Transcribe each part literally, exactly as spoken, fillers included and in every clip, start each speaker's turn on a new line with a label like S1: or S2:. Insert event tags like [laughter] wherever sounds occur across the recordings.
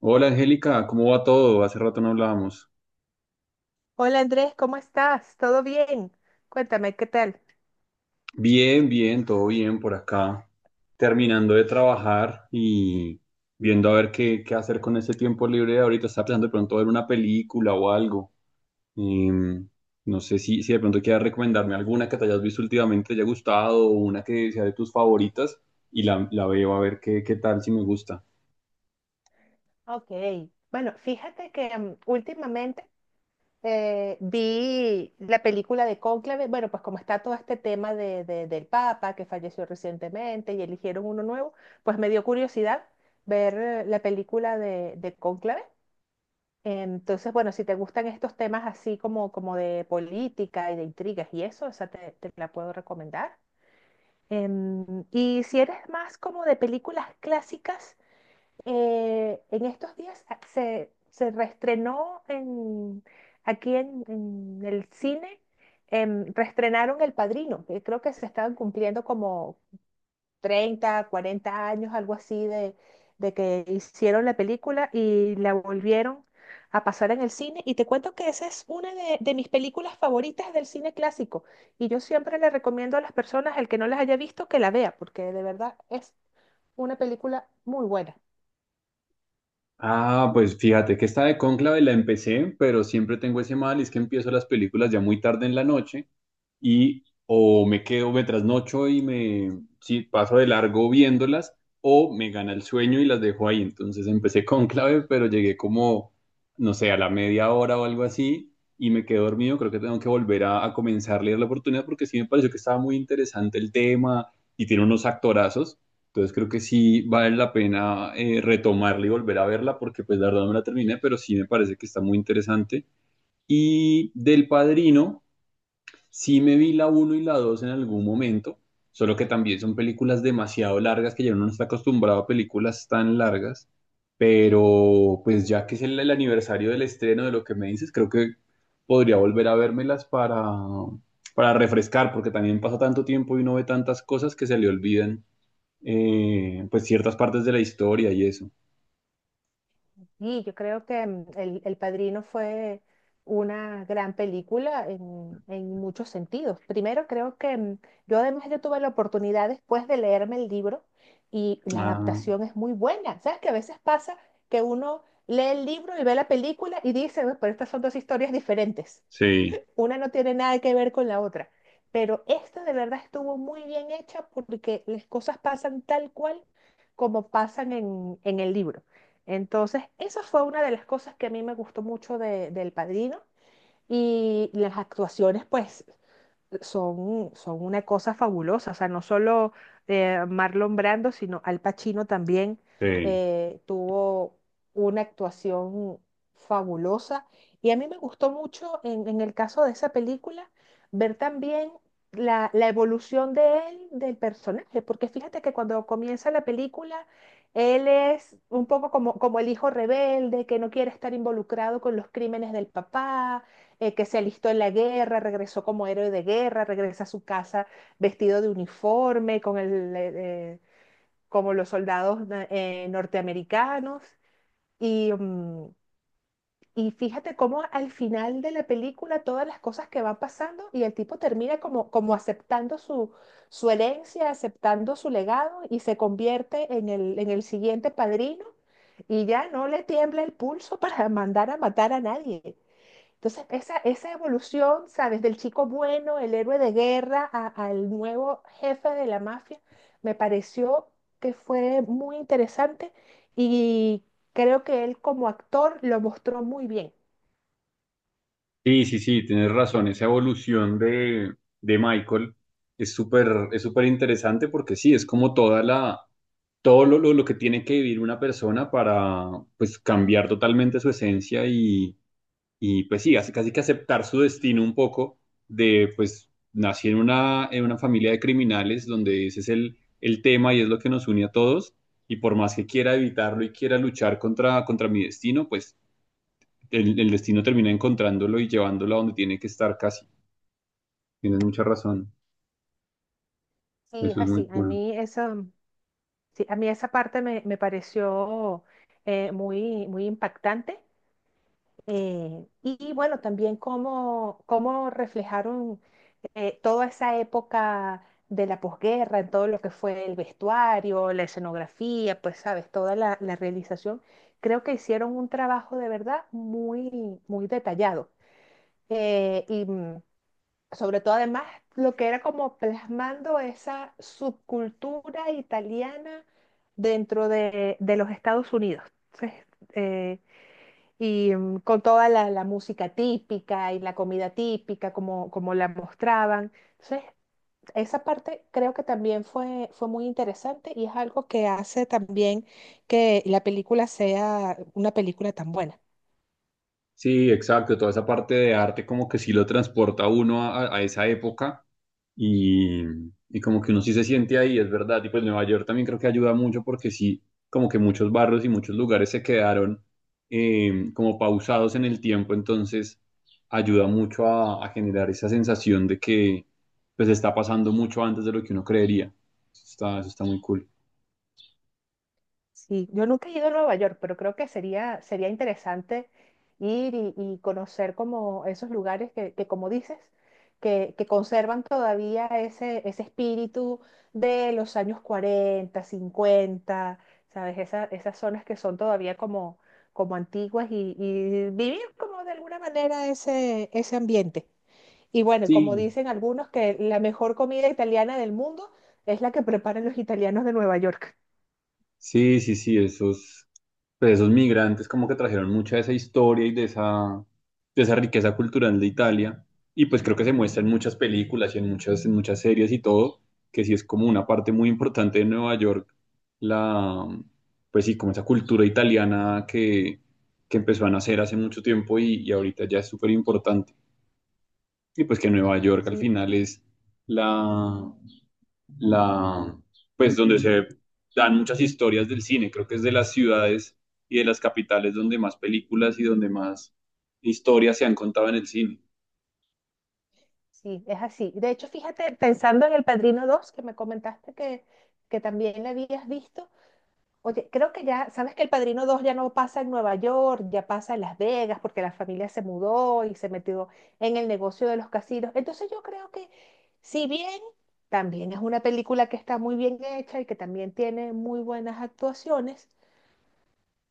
S1: Hola Angélica, ¿cómo va todo? Hace rato no hablábamos.
S2: Hola Andrés, ¿cómo estás? ¿Todo bien? Cuéntame, ¿qué tal?
S1: Bien, bien, todo bien por acá. Terminando de trabajar y viendo a ver qué, qué hacer con ese tiempo libre de ahorita. Estaba pensando de pronto ver una película o algo. Em, no sé si, si de pronto quieras recomendarme alguna que te hayas visto últimamente, te haya gustado, o una que sea de tus favoritas y la, la veo a ver qué, qué tal, si me gusta.
S2: Ok, bueno, fíjate que mm, últimamente eh, vi la película de Cónclave. Bueno, pues como está todo este tema de, de- del Papa que falleció recientemente y eligieron uno nuevo, pues me dio curiosidad ver eh, la película de, de Cónclave. Entonces, bueno, si te gustan estos temas así como, como de política y de intrigas y eso, o sea, te, te la puedo recomendar. Em, y si eres más como de películas clásicas, eh, en estos días a- se, se reestrenó en, aquí en, en el cine. Em, reestrenaron El Padrino, que creo que se estaban cumpliendo como, treinta, cuarenta años, algo así, de, de que hicieron la película y la volvieron a pasar en el cine. Y te cuento que esa es una de, de mis películas favoritas del cine clásico. Y yo siempre le recomiendo a las personas, el que no las haya visto, que la vea, porque de verdad es una película muy buena.
S1: Ah, pues fíjate que esta de Cónclave la empecé, pero siempre tengo ese mal, y es que empiezo las películas ya muy tarde en la noche y o me quedo, me trasnocho y me sí, paso de largo viéndolas o me gana el sueño y las dejo ahí. Entonces empecé con clave, pero llegué como, no sé, a la media hora o algo así y me quedé dormido. Creo que tengo que volver a, a comenzar a leer la oportunidad porque sí me pareció que estaba muy interesante el tema y tiene unos actorazos. Entonces creo que sí vale la pena eh, retomarla y volver a verla porque pues la verdad no me la terminé, pero sí me parece que está muy interesante. Y del Padrino, sí me vi la uno y la dos en algún momento, solo que también son películas demasiado largas que ya uno no está acostumbrado a películas tan largas, pero pues ya que es el, el aniversario del estreno de lo que me dices, creo que podría volver a vérmelas para, para refrescar, porque también pasa tanto tiempo y uno ve tantas cosas que se le olvidan, eh, pues ciertas partes de la historia y eso.
S2: Sí, yo creo que mm, El, El Padrino fue una gran película en, en muchos sentidos. Primero, creo que mm, yo además yo tuve la oportunidad después de leerme el libro y la
S1: Ah,
S2: adaptación es muy buena. ¿Sabes que a veces pasa que uno lee el libro y ve la película y dice, "Uy, pero estas son dos historias diferentes"?
S1: sí,
S2: Una no tiene nada que ver con la otra. Pero esta de verdad estuvo muy bien hecha porque las cosas pasan tal cual como pasan en, en el libro. Entonces, esa fue una de las cosas que a mí me gustó mucho de, del Padrino. Y las actuaciones, pues, son, son una cosa fabulosa. O sea, no solo eh, Marlon Brando, sino Al Pacino también
S1: sí.
S2: eh, tuvo una actuación fabulosa. Y a mí me gustó mucho en, en el caso de esa película ver también la, la evolución de él, del personaje, porque fíjate que cuando comienza la película... Él es un poco como, como el hijo rebelde que no quiere estar involucrado con los crímenes del papá, eh, que se alistó en la guerra, regresó como héroe de guerra, regresa a su casa vestido de uniforme, con el, eh, eh, como los soldados na- eh, norteamericanos. Y, mm, y fíjate cómo al final de la película todas las cosas que van pasando y el tipo termina como, como aceptando su, su herencia, aceptando su legado y se convierte en el, en el siguiente padrino. Y ya no le tiembla el pulso [laughs] para mandar a matar a nadie. Entonces, esa, esa evolución, ¿sabes? Del chico bueno, el héroe de guerra, a- al nuevo jefe de la mafia, me pareció que fue muy interesante y creo que él como actor lo mostró muy bien.
S1: Sí, sí, sí, tienes razón. Esa evolución de, de Michael es súper, es súper interesante porque sí, es como toda la, todo lo, lo, lo que tiene que vivir una persona para pues cambiar totalmente su esencia y, y pues sí, así casi que aceptar su destino un poco de pues nací en una, en una familia de criminales donde ese es el, el tema y es lo que nos une a todos y por más que quiera evitarlo y quiera luchar contra, contra mi destino, pues el, el destino termina encontrándolo y llevándolo a donde tiene que estar casi. Tienes mucha razón.
S2: Sí, es
S1: Eso es muy
S2: así. A
S1: cool.
S2: mí esa, sí, a mí esa parte me, me pareció eh, muy, muy impactante. Eh, y, y bueno, también cómo, cómo reflejaron eh, toda esa época de la posguerra, en todo lo que fue el vestuario, la escenografía, pues sabes, toda la, la realización. Creo que hicieron un trabajo de verdad muy, muy detallado. Eh, y, mm, sobre todo además lo que era como plasmando esa subcultura italiana dentro de, de los Estados Unidos. Entonces, eh, y mm, con toda la, la música típica y la comida típica, como, como la mostraban. Entonces, esa parte creo que también fue, fue muy interesante y es algo que hace también que la película sea una película tan buena.
S1: Sí, exacto. Toda esa parte de arte como que sí lo transporta a uno a, a esa época y, y como que uno sí se siente ahí, es verdad. Y pues Nueva York también creo que ayuda mucho porque sí, como que muchos barrios y muchos lugares se quedaron, eh, como pausados en el tiempo, entonces ayuda mucho a, a generar esa sensación de que pues está pasando mucho antes de lo que uno creería. Eso está, eso está muy cool.
S2: Sí, yo nunca he ido a Nueva York, pero creo que sería, sería interesante ir y, y conocer como esos lugares que, que como dices, que, que conservan todavía ese, ese espíritu de los años cuarenta cincuenta, ¿sabes? Esa- esas zonas que son todavía como, como antiguas y, y vivir como de alguna manera ese, ese ambiente. Y bueno, como
S1: Sí,
S2: dicen algunos, que la mejor comida italiana del mundo es la que preparan los italianos de Nueva York.
S1: sí, sí, sí, esos, pues esos migrantes como que trajeron mucha de esa historia y de esa, de esa riqueza cultural de Italia. Y pues creo que se muestra en muchas películas y en muchas, en muchas series y todo, que sí es como una parte muy importante de Nueva York, la, pues sí, como esa cultura italiana que, que empezó a nacer hace mucho tiempo y, y ahorita ya es súper importante. Y pues que Nueva York al
S2: Sí,
S1: final es la, la, pues donde se dan muchas historias del cine. Creo que es de las ciudades y de las capitales donde más películas y donde más historias se han contado en el cine.
S2: sí, es así. De hecho, fíjate, pensando en El Padrino dos que me comentaste que, que también la habías visto. Oye, creo que ya, sabes que El Padrino dos ya no pasa en Nueva York, ya pasa en Las Vegas, porque la familia se mudó y se metió en el negocio de los casinos. Entonces yo creo que, si bien también es una película que está muy bien hecha y que también tiene muy buenas actuaciones,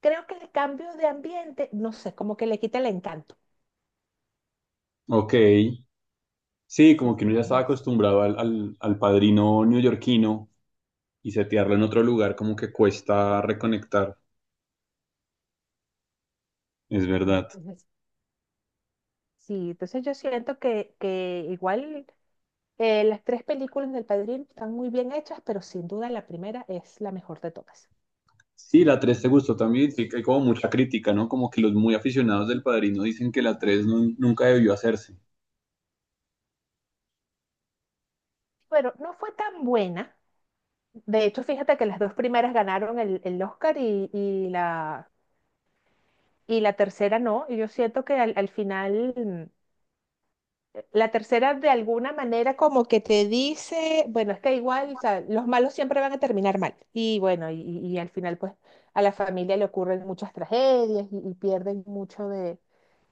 S2: creo que el cambio de ambiente, no sé, como que le quita el encanto.
S1: Ok, sí, como
S2: Sí,
S1: que uno ya estaba
S2: no sé.
S1: acostumbrado al, al, al padrino neoyorquino y setearlo en otro lugar como que cuesta reconectar, es
S2: Sí,
S1: verdad.
S2: [laughs] sí, entonces yo siento que, que igual eh, las tres películas del Padrino están muy bien hechas, pero sin duda la primera es la mejor de todas.
S1: Sí, la tres te gustó también, sí que hay como mucha crítica, ¿no? Como que los muy aficionados del padrino dicen que la tres nun- nunca debió hacerse.
S2: Pero no fue tan buena. De hecho, fíjate que las dos primeras ganaron el, el Oscar y, y la, y la tercera no. Y yo siento que al, al final la tercera de alguna manera como que te dice, bueno, es que igual, o sea, los malos siempre van a terminar mal. Y bueno, y, y al final pues a la familia le ocurren muchas tragedias y, y pierden mucho de,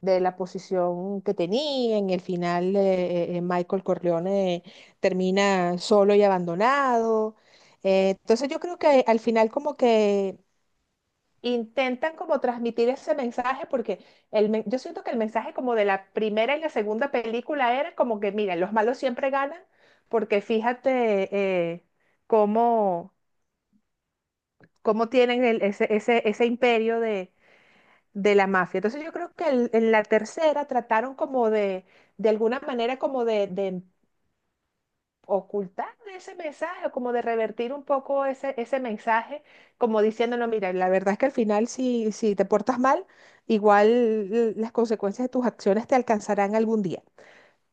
S2: de la posición que tenía. En el final eh, eh, Michael Corleone termina solo y abandonado. Eh, entonces yo creo que al final como que intentan como transmitir ese mensaje porque el, men- yo siento que el mensaje como de la primera y la segunda película era como que, miren, los malos siempre ganan porque fíjate eh, cómo, cómo tienen el- ese, ese, ese imperio de, de la mafia. Entonces yo creo que el- en la tercera trataron como de, de alguna manera como de, de ocultar ese mensaje o como de revertir un poco ese, ese mensaje, como diciéndolo, mira, la verdad es que al final si, si te portas mal, igual l- las consecuencias de tus acciones te alcanzarán algún día.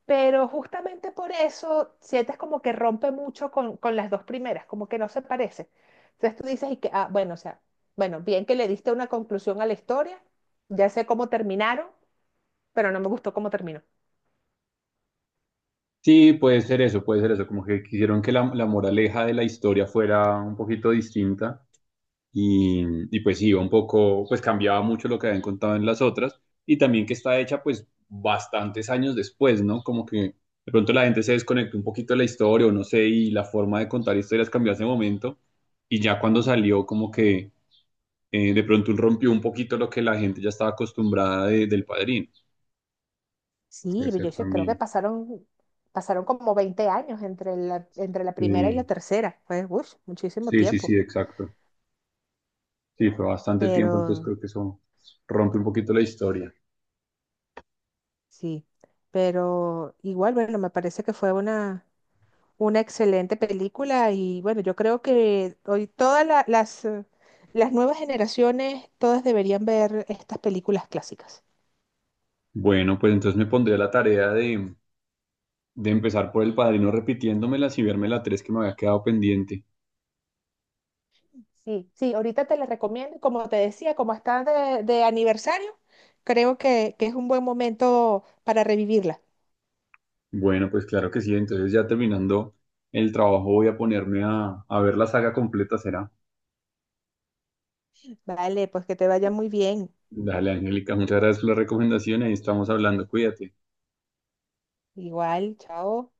S2: Pero justamente por eso sientes como que rompe mucho con, con las dos primeras, como que no se parece. Entonces tú dices, y que, ah, bueno, o sea, bueno, bien que le diste una conclusión a la historia, ya sé cómo terminaron, pero no me gustó cómo terminó.
S1: Sí, puede ser eso, puede ser eso, como que quisieron que la, la moraleja de la historia fuera un poquito distinta y, y pues iba un poco, pues cambiaba mucho lo que habían contado en las otras y también que está hecha pues bastantes años después, ¿no? Como que de pronto la gente se desconectó un poquito de la historia o no sé, y la forma de contar historias cambió hace momento y ya cuando salió como que, eh, de pronto rompió un poquito lo que la gente ya estaba acostumbrada de- del Padrino. Puede
S2: Sí, yo
S1: ser
S2: sé- creo que
S1: también.
S2: pasaron, pasaron como veinte años entre la, entre la primera y la
S1: Sí,
S2: tercera. Fue, uff, muchísimo
S1: sí, sí, sí,
S2: tiempo.
S1: exacto. Sí, fue bastante tiempo, entonces
S2: Pero
S1: creo que eso rompe un poquito la historia.
S2: sí, pero igual, bueno, me parece que fue una, una excelente película y bueno, yo creo que hoy todas la- las, eh, las nuevas generaciones, todas deberían ver estas películas clásicas.
S1: Bueno, pues entonces me pondré a la tarea de, de empezar por El Padrino repitiéndomelas y verme la tres que me había quedado pendiente.
S2: Sí, sí, ahorita te las recomiendo, y como te decía, como está de, de aniversario, creo que, que es un buen momento para revivirla.
S1: Bueno, pues claro que sí, entonces ya terminando el trabajo voy a ponerme a, a ver la saga completa, será.
S2: Vale, pues que te vaya muy bien.
S1: Dale, Angélica, muchas gracias por la recomendación y ahí estamos hablando, cuídate.
S2: Igual, chao.